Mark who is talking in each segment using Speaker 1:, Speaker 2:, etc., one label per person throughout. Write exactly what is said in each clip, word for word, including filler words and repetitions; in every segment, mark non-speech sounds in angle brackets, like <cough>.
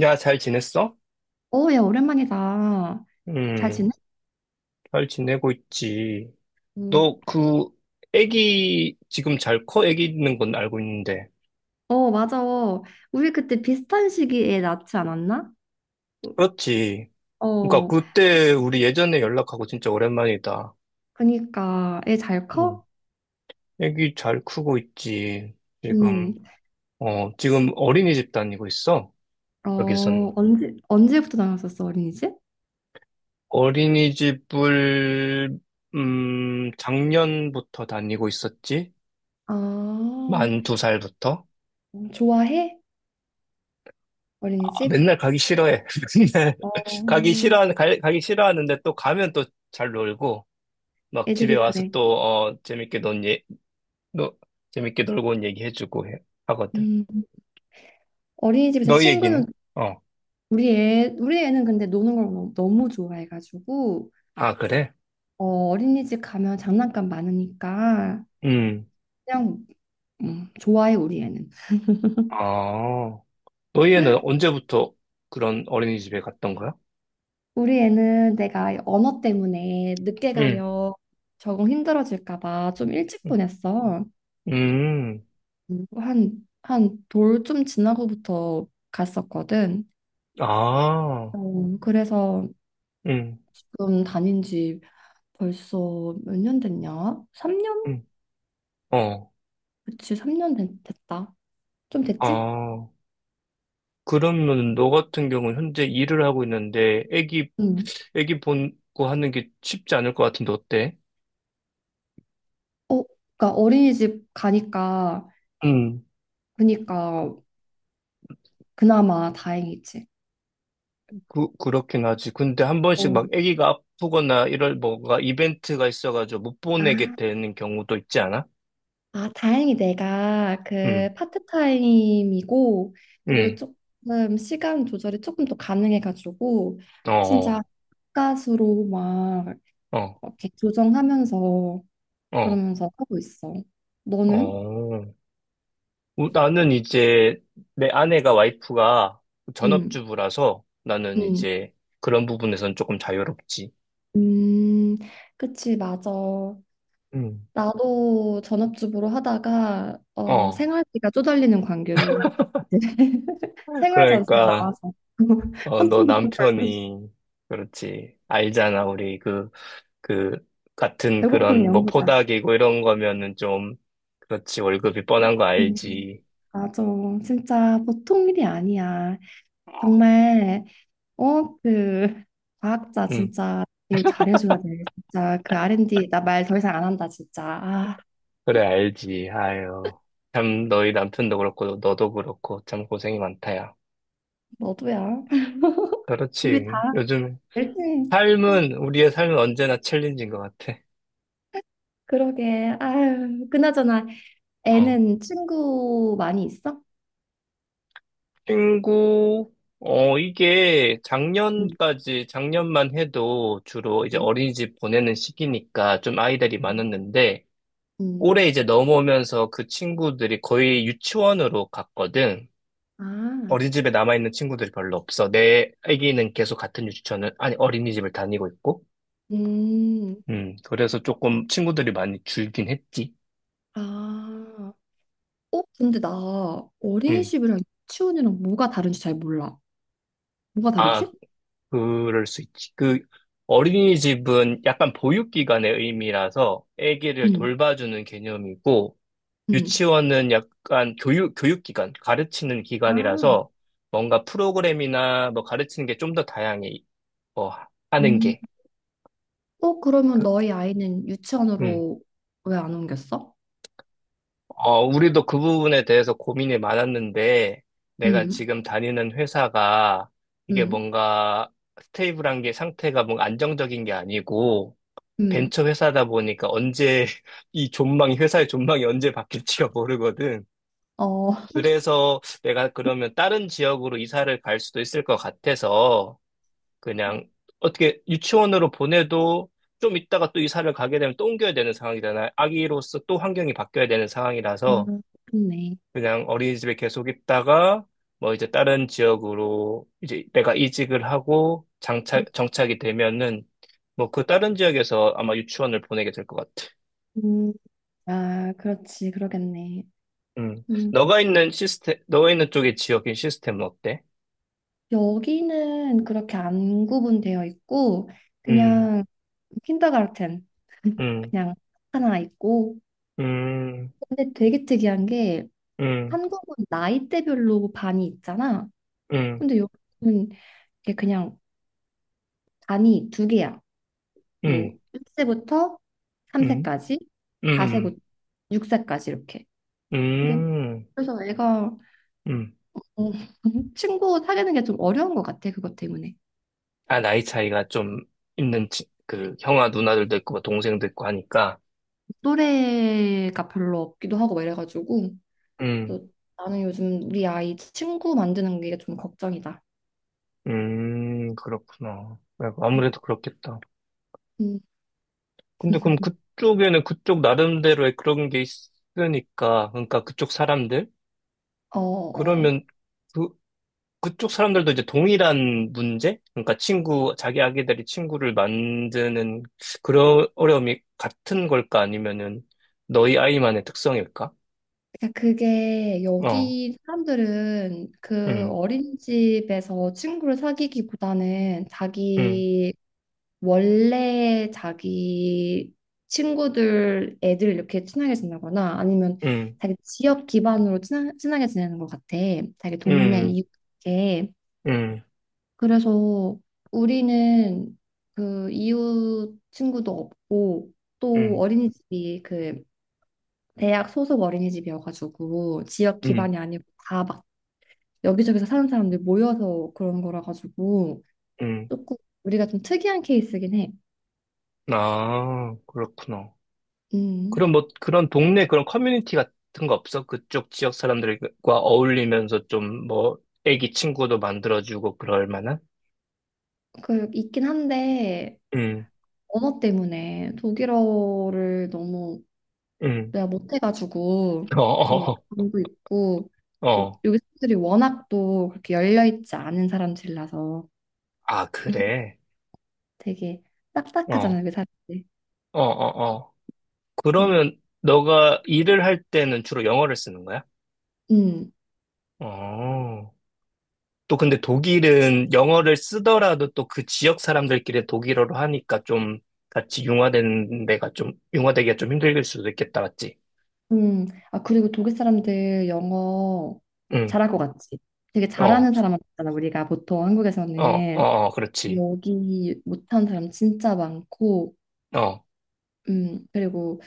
Speaker 1: 야, 잘 지냈어?
Speaker 2: 어, 야, 오랜만이다. 잘
Speaker 1: 음.
Speaker 2: 지내?
Speaker 1: 잘 지내고 있지.
Speaker 2: 음,
Speaker 1: 너 그 애기 지금 잘 커? 애기 있는 건 알고 있는데.
Speaker 2: 어, 맞아. 우리 그때 비슷한 시기에 낳지 않았나?
Speaker 1: 그렇지. 그러니까
Speaker 2: 어,
Speaker 1: 그때 우리 예전에 연락하고 진짜 오랜만이다.
Speaker 2: 그니까 애 잘 커?
Speaker 1: 음, 애기 잘 크고 있지.
Speaker 2: 응.
Speaker 1: 지금 어, 지금 어린이집 다니고 있어.
Speaker 2: 어,
Speaker 1: 여기선
Speaker 2: 언제 언제부터 나왔었어, 어린이집?
Speaker 1: 어린이집을 음, 작년부터 다니고 있었지.
Speaker 2: 아, 어,
Speaker 1: 만 두 살부터.
Speaker 2: 좋아해? 어린이집?
Speaker 1: 맨날 가기 싫어해. <laughs> 맨날
Speaker 2: 어,
Speaker 1: 가기 싫어하는, 갈- 가기 싫어하는데 또 가면 또 잘 놀고, 막 집에
Speaker 2: 애들이
Speaker 1: 와서
Speaker 2: 그래.
Speaker 1: 또, 어, 재밌게 논, 예, 너 재밌게 놀고 온 얘기 해주고 해, 하거든.
Speaker 2: 음, 어린이집에서
Speaker 1: 너희 얘기는?
Speaker 2: 친구는
Speaker 1: 어.
Speaker 2: 우리 애 우리 애는 근데 노는 걸 너무, 너무 좋아해가지고.
Speaker 1: 아, 그래?
Speaker 2: 어, 어린이집 가면 장난감 많으니까
Speaker 1: 음.
Speaker 2: 그냥 음, 좋아해, 우리 애는.
Speaker 1: 아, 너희는 언제부터 그런 어린이집에 갔던 거야?
Speaker 2: 우리 애는 내가 언어 때문에 늦게
Speaker 1: 응.
Speaker 2: 가면 적응 힘들어질까 봐 좀 일찍
Speaker 1: 음.
Speaker 2: 보냈어.
Speaker 1: 음.
Speaker 2: 음. 한, 한 돌 좀 지나고부터 갔었거든.
Speaker 1: 아.
Speaker 2: 어, 그래서
Speaker 1: 응.
Speaker 2: 지금 다닌 지 벌써 몇 년 됐냐? 삼 년?
Speaker 1: 응. 어.
Speaker 2: 그치, 삼 년 됐, 다좀 됐지?
Speaker 1: 아. 그러면 너 같은 경우는 현재 일을 하고 있는데 애기
Speaker 2: 응.
Speaker 1: 애기 보고 하는 게 쉽지 않을 것 같은데 어때?
Speaker 2: 어, 그러니까 어린이집 가니까,
Speaker 1: 음,
Speaker 2: 그니까 그나마 다행이지.
Speaker 1: 그, 그렇긴 하지. 근데 한 번씩
Speaker 2: 어.
Speaker 1: 막 아기가 아프거나 이럴 뭐가 이벤트가 있어가지고 못 보내게
Speaker 2: 아.
Speaker 1: 되는 경우도 있지 않아?
Speaker 2: 아, 다행히 내가
Speaker 1: 응.
Speaker 2: 그 파트타임이고, 그리고
Speaker 1: 응.
Speaker 2: 조금 시간 조절이 조금 더 가능해가지고,
Speaker 1: 어.
Speaker 2: 진짜
Speaker 1: 어.
Speaker 2: 가수로 막
Speaker 1: 어.
Speaker 2: 이렇게 조정하면서
Speaker 1: 어.
Speaker 2: 그러면서 하고 있어. 너는?
Speaker 1: 어. 우- 나는 이제 내 아내가 와이프가
Speaker 2: 응,
Speaker 1: 전업주부라서 나는
Speaker 2: 응,
Speaker 1: 이제 그런 부분에선 조금 자유롭지.
Speaker 2: 음, 그치, 맞아.
Speaker 1: 응.
Speaker 2: 나도 전업주부로 하다가, 어,
Speaker 1: 어.
Speaker 2: 생활비가 쪼달리는 관계로 이제 <laughs> 생활 전세
Speaker 1: 그러니까.
Speaker 2: 나와서 <laughs>
Speaker 1: 어,
Speaker 2: 한
Speaker 1: 너
Speaker 2: 푼도 못 벌고
Speaker 1: 남편이, 그렇지. 알잖아, 우리 그, 그, 같은
Speaker 2: 배고픈
Speaker 1: 그런, 뭐,
Speaker 2: 연구자.
Speaker 1: 포닥이고 이런 거면은 좀, 그렇지. 월급이 뻔한 거
Speaker 2: 음.
Speaker 1: 알지.
Speaker 2: 맞아. 진짜 보통 일이 아니야. 정말, 어, 그, 과학자
Speaker 1: 응,
Speaker 2: 진짜, 이거 잘해줘야 돼. 진짜, 그 알앤디, 나 말 더 이상 안 한다, 진짜. 아,
Speaker 1: 그래, 알지. 아유. 참, 너희 남편도 그렇고, 너도 그렇고, 참 고생이 많다, 야.
Speaker 2: 너도야. <laughs> 우리 다
Speaker 1: 그렇지. 요즘,
Speaker 2: 열심히,
Speaker 1: 삶은, 우리의 삶은 언제나 챌린지인 것 같아.
Speaker 2: 그러게. 아유, 그나저나, 애는 친구 많이 있어?
Speaker 1: 친구, 어, 이게
Speaker 2: 응,
Speaker 1: 작년까지, 작년만 해도 주로 이제
Speaker 2: 응,
Speaker 1: 어린이집 보내는 시기니까 좀 아이들이
Speaker 2: 응.
Speaker 1: 많았는데,
Speaker 2: 응.
Speaker 1: 올해 이제 넘어오면서 그 친구들이 거의 유치원으로 갔거든.
Speaker 2: 아,
Speaker 1: 어린이집에 남아있는 친구들이 별로 없어. 내 아기는 계속 같은 유치원을, 아니, 어린이집을 다니고 있고,
Speaker 2: 음,
Speaker 1: 음, 그래서 조금 친구들이 많이 줄긴 했지.
Speaker 2: 아. 어, 근데 나
Speaker 1: 음.
Speaker 2: 어린이집이랑 유치원이랑 뭐가 다른지 잘 몰라. 뭐가
Speaker 1: 아,
Speaker 2: 다르지?
Speaker 1: 그럴 수 있지. 그 어린이집은 약간 보육기관의 의미라서 아기를
Speaker 2: 응.
Speaker 1: 돌봐주는 개념이고
Speaker 2: 응.
Speaker 1: 유치원은 약간 교육 교육기관, 가르치는
Speaker 2: 아,
Speaker 1: 기관이라서 뭔가 프로그램이나 뭐 가르치는 게 좀 더 다양해. 뭐 하는
Speaker 2: 음.
Speaker 1: 게.
Speaker 2: 어, 그러면
Speaker 1: 그,
Speaker 2: 너희 아이는
Speaker 1: 음.
Speaker 2: 유치원으로 왜 안 옮겼어?
Speaker 1: 어, 우리도 그 부분에 대해서 고민이 많았는데 내가
Speaker 2: 음,
Speaker 1: 지금 다니는 회사가 이게
Speaker 2: 음,
Speaker 1: 뭔가 스테이블한 게 상태가 뭔가 안정적인 게 아니고
Speaker 2: 음.
Speaker 1: 벤처 회사다 보니까 언제 <laughs> 이 존망이 회사의 존망이 언제 바뀔지가 <laughs> 모르거든.
Speaker 2: 어,
Speaker 1: 그래서 내가 그러면 다른 지역으로 이사를 갈 수도 있을 것 같아서 그냥 어떻게 유치원으로 보내도 좀 있다가 또 이사를 가게 되면 또 옮겨야 되는 상황이잖아. 아기로서 또 환경이 바뀌어야 되는 상황이라서
Speaker 2: 음, 좋네.
Speaker 1: 그냥 어린이집에 계속 있다가 뭐 이제 다른 지역으로 이제 내가 이직을 하고 장착, 정착이 되면은 뭐 그 다른 지역에서 아마 유치원을 보내게 될 것 같아.
Speaker 2: 음. 아, 그렇지, 그러겠네.
Speaker 1: 음.
Speaker 2: 음.
Speaker 1: 너가 있는 시스템, 너가 있는 쪽의 지역의 시스템은 어때?
Speaker 2: 여기는 그렇게 안 구분되어 있고,
Speaker 1: 음.
Speaker 2: 그냥 킨더가르텐, <laughs>
Speaker 1: 음.
Speaker 2: 그냥 하나 있고.
Speaker 1: 음.
Speaker 2: 근데 되게 특이한 게,
Speaker 1: 음.
Speaker 2: 한국은 나이대별로 반이 있잖아.
Speaker 1: 음.
Speaker 2: 근데 여기는 이게 그냥 반이 두 개야. 뭐
Speaker 1: 음.
Speaker 2: 일 세부터
Speaker 1: 음.
Speaker 2: 삼 세까지,
Speaker 1: 음.
Speaker 2: 사 세부터 육 세까지 이렇게. 근데
Speaker 1: 음.
Speaker 2: 그래서 애가
Speaker 1: 음.
Speaker 2: 어, <laughs> 친구 사귀는 게 좀 어려운 것 같아, 그것 때문에.
Speaker 1: 아, 나이 차이가 좀 있는, 지- 그, 형아 누나들도 있고, 뭐 동생도 있고 하니까.
Speaker 2: 또래가 별로 없기도 하고 막 이래가지고.
Speaker 1: 음,
Speaker 2: 그래서 나는 요즘 우리 아이 친구 만드는 게 좀 걱정이다.
Speaker 1: 음, 그렇구나. 야, 아무래도 그렇겠다.
Speaker 2: 음,
Speaker 1: 근데 그럼 그쪽에는 그쪽 나름대로의 그런 게 있으니까, 그러니까 그쪽 사람들?
Speaker 2: 어, 어. 어.
Speaker 1: 그러면, 그, 그쪽 사람들도 이제 동일한 문제? 그러니까 친구, 자기 아기들이 친구를 만드는 그런 어려움이 같은 걸까? 아니면은 너희 아이만의 특성일까?
Speaker 2: 그러니까 그게
Speaker 1: 어.
Speaker 2: 여기 사람들은 그
Speaker 1: 음.
Speaker 2: 어린이집에서 친구를 사귀기보다는
Speaker 1: 음.
Speaker 2: 자기 원래 자기 친구들 애들 이렇게 친하게 지내거나 아니면
Speaker 1: 음.
Speaker 2: 자기 지역 기반으로 친하, 친하게 지내는 것 같아. 자기 동네
Speaker 1: 음.
Speaker 2: 이웃에.
Speaker 1: 음.
Speaker 2: 그래서 우리는 그 이웃 친구도 없고 또
Speaker 1: 음.
Speaker 2: 어린이집이 그 대학 소속 어린이집이어가지고 지역
Speaker 1: 음.
Speaker 2: 기반이 아니고 다 막 여기저기서 사는 사람들 모여서 그런 거라 가지고
Speaker 1: 음.
Speaker 2: 조금 우리가 좀 특이한 케이스긴 해.
Speaker 1: 아, 그렇구나.
Speaker 2: 음.
Speaker 1: 그럼 뭐 그런 동네 그런 커뮤니티 같은 거 없어? 그쪽 지역 사람들과 어울리면서 좀 뭐 애기 친구도 만들어주고 그럴 만한?
Speaker 2: 그 있긴 한데
Speaker 1: 음.
Speaker 2: 언어 때문에 독일어를 너무
Speaker 1: 음.
Speaker 2: 내가 못해가지고
Speaker 1: <laughs> 어.
Speaker 2: 좀
Speaker 1: 어.
Speaker 2: 어려움도 있고
Speaker 1: 어.
Speaker 2: 또
Speaker 1: 어.
Speaker 2: 여기 사람들이 워낙 또 그렇게 열려 있지 않은 사람들이라서
Speaker 1: 아, 그래.
Speaker 2: 되게 딱딱하잖아요,
Speaker 1: 어.
Speaker 2: 여기 사람들이.
Speaker 1: 어. 어. 어.
Speaker 2: 음,
Speaker 1: 그러면 너가 일을 할 때는 주로 영어를 쓰는 거야?
Speaker 2: 음,
Speaker 1: 어. 또 근데 독일은 영어를 쓰더라도 또 그 지역 사람들끼리 독일어로 하니까 좀 같이 융화되는 데가 좀, 융화되기가 좀 힘들 수도 있겠다, 맞지?
Speaker 2: 음. 아 그리고 독일 사람들 영어
Speaker 1: 응.
Speaker 2: 잘할 것 같지? 되게
Speaker 1: 어.
Speaker 2: 잘하는 사람만 잖아 우리가 보통
Speaker 1: 어. 어.
Speaker 2: 한국에서는
Speaker 1: 어. 그렇지.
Speaker 2: 여기 못하는 사람 진짜 많고,
Speaker 1: 어.
Speaker 2: 음 그리고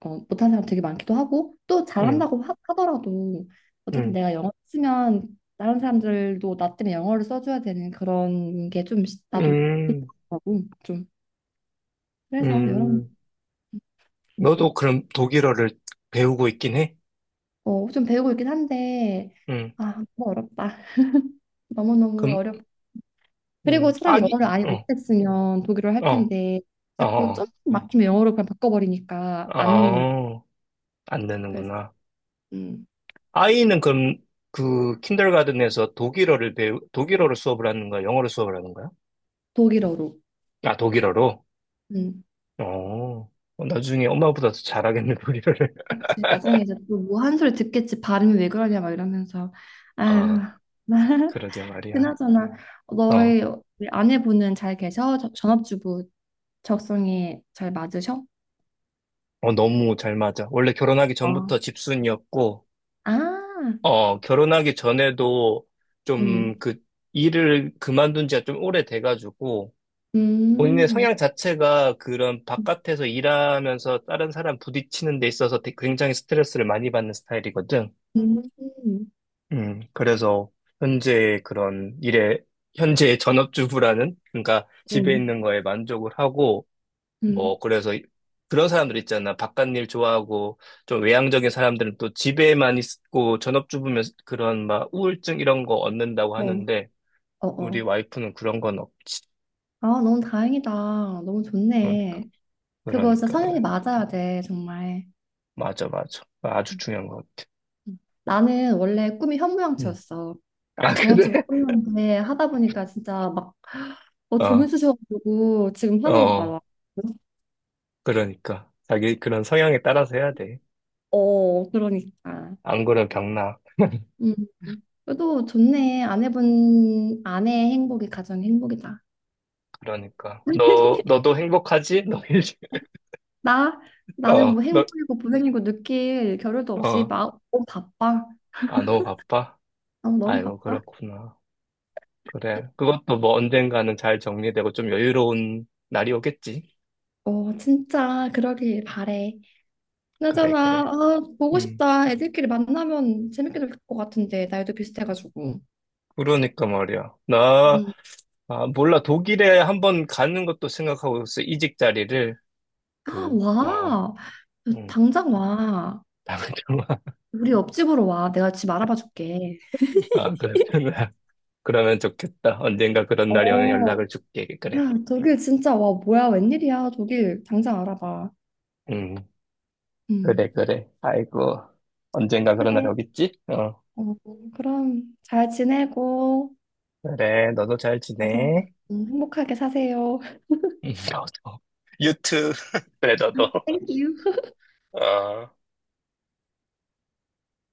Speaker 2: 어, 못하는 사람 되게 많기도 하고 또
Speaker 1: 응.
Speaker 2: 잘한다고 하, 하더라도 어쨌든
Speaker 1: 응.
Speaker 2: 내가 영어 쓰면 다른 사람들도 나 때문에 영어를 써줘야 되는 그런 게 좀 나도
Speaker 1: 음.
Speaker 2: 하고 좀 그래서 여러
Speaker 1: 음. 너도 그럼 독일어를 배우고 있긴 해?
Speaker 2: 어좀 배우고 있긴 한데
Speaker 1: 응.
Speaker 2: 아 너무 어렵다. <laughs> 너무너무
Speaker 1: 그럼.
Speaker 2: 어렵 그리고
Speaker 1: 음.
Speaker 2: 차라리
Speaker 1: 아기.
Speaker 2: 영어를 아예
Speaker 1: 어.
Speaker 2: 못했으면 독일어를
Speaker 1: 어.
Speaker 2: 할 텐데
Speaker 1: 어.
Speaker 2: 자꾸 좀
Speaker 1: 어.
Speaker 2: 막히면 영어로 그냥 바꿔버리니까 안
Speaker 1: 아, 안
Speaker 2: 그래서
Speaker 1: 되는구나.
Speaker 2: 음
Speaker 1: 아이는 그럼 그 킨더가든에서 독일어를 배우, 독일어로 수업을 하는 거야? 영어로 수업을 하는 거야?
Speaker 2: 독일어로.
Speaker 1: 아, 독일어로?
Speaker 2: 음.
Speaker 1: 어. 어. 나중에 엄마보다 더 잘하겠네, 독일어를.
Speaker 2: 그치, 나중에 이제 또 뭐 한 소리 듣겠지. 발음이 왜 그러냐 막 이러면서.
Speaker 1: <laughs>
Speaker 2: 아휴.
Speaker 1: 아,
Speaker 2: <laughs>
Speaker 1: 그러게 말이야.
Speaker 2: 그나저나
Speaker 1: 어.
Speaker 2: 너희 우리 아내분은 잘 계셔? 저- 전업주부 적성에 잘 맞으셔?
Speaker 1: 어. 너무 잘 맞아. 원래 결혼하기
Speaker 2: 어.
Speaker 1: 전부터 집순이었고,
Speaker 2: 아,
Speaker 1: 어, 결혼하기 전에도 좀
Speaker 2: 음,
Speaker 1: 그 일을 그만둔 지가 좀 오래돼가지고, 본인의
Speaker 2: 음,
Speaker 1: 성향 자체가 그런 바깥에서 일하면서 다른 사람 부딪히는 데 있어서 되- 굉장히 스트레스를 많이 받는 스타일이거든.
Speaker 2: 음, 음,
Speaker 1: 음, 그래서 현재 그런 일에, 현재 전업주부라는, 그러니까 집에
Speaker 2: 음.
Speaker 1: 있는 거에 만족을 하고,
Speaker 2: 음.
Speaker 1: 뭐, 그래서 이- 그런 사람들 있잖아. 바깥 일 좋아하고, 좀 외향적인 사람들은 또 집에만 있고, 전업주부면 그런 막 우울증 이런 거 얻는다고
Speaker 2: 어,
Speaker 1: 하는데,
Speaker 2: 어,
Speaker 1: 우리
Speaker 2: 어.
Speaker 1: 와이프는 그런 건 없지.
Speaker 2: 아, 너무 다행이다. 너무
Speaker 1: 그러니까,
Speaker 2: 좋네. 그거 진짜
Speaker 1: 그러니까,
Speaker 2: 성향이
Speaker 1: 그래.
Speaker 2: 맞아야 돼, 정말.
Speaker 1: 맞아, 맞아. 아주
Speaker 2: 음,
Speaker 1: 중요한 것 같아.
Speaker 2: 음. 나는 원래 꿈이
Speaker 1: 음.
Speaker 2: 현모양처였어.
Speaker 1: <laughs> 아, 응. 그래?
Speaker 2: 저번주 끝났는데 하다 보니까 진짜 막
Speaker 1: <laughs>
Speaker 2: 어, 점이
Speaker 1: 어,
Speaker 2: 쑤셔가지고 지금 하는 것
Speaker 1: 어,
Speaker 2: 봐라.
Speaker 1: 그러니까. 자기 그런 성향에 따라서 해야 돼.
Speaker 2: 어, 그러니까.
Speaker 1: 안 그러면 병나.
Speaker 2: 음. 그래도 좋네. 아내분 아내의 행복이 가장 행복이다.
Speaker 1: 그러니까.
Speaker 2: <laughs>
Speaker 1: 너, 너도 행복하지? 너 일, <laughs>
Speaker 2: 나 나는 뭐
Speaker 1: 어. 너.
Speaker 2: 행복이고 불행이고 느낄 겨를도 없이
Speaker 1: 어.
Speaker 2: 막 너무 바빠.
Speaker 1: 아, 너무 바빠?
Speaker 2: 아, 너무
Speaker 1: 아이고,
Speaker 2: 바빠.
Speaker 1: 그렇구나. 그래. 그것도 뭐 언젠가는 잘 정리되고 좀 여유로운 날이 오겠지.
Speaker 2: 어, 진짜 그러길 바래.
Speaker 1: 그래,
Speaker 2: 그나저나
Speaker 1: 그래.
Speaker 2: 아, 보고
Speaker 1: 음.
Speaker 2: 싶다. 애들끼리 만나면 재밌게 될 것 같은데 나이도 비슷해가지고.
Speaker 1: 그러니까 말이야. 나,
Speaker 2: 음.
Speaker 1: 아, 몰라. 독일에 한번 가는 것도 생각하고 있어. 이직 자리를.
Speaker 2: 아,
Speaker 1: 그, 어.
Speaker 2: 와.
Speaker 1: 음.
Speaker 2: 당장 와.
Speaker 1: 다음에 좀, <laughs>
Speaker 2: 우리 옆집으로 와. 내가 집 알아봐 줄게.
Speaker 1: 아, 그렇구나. 그러면 좋겠다. 언젠가 그런 날이 오면
Speaker 2: 어.
Speaker 1: 연락을 줄게. 그래.
Speaker 2: 야, 독일 진짜 와. 뭐야? 웬일이야? 독일 당장 알아봐.
Speaker 1: 음, 그래,
Speaker 2: 음.
Speaker 1: 그래. 아이고, 언젠가 그런 날이
Speaker 2: 그래.
Speaker 1: 오겠지? 어.
Speaker 2: 어, 그럼 잘 지내고
Speaker 1: 그래, 너도 잘
Speaker 2: 아주
Speaker 1: 지내.
Speaker 2: 음, 행복하게 사세요. <laughs>
Speaker 1: <laughs> 너도. 유튜브. <laughs> 그래, 너도.
Speaker 2: 땡큐.
Speaker 1: 어.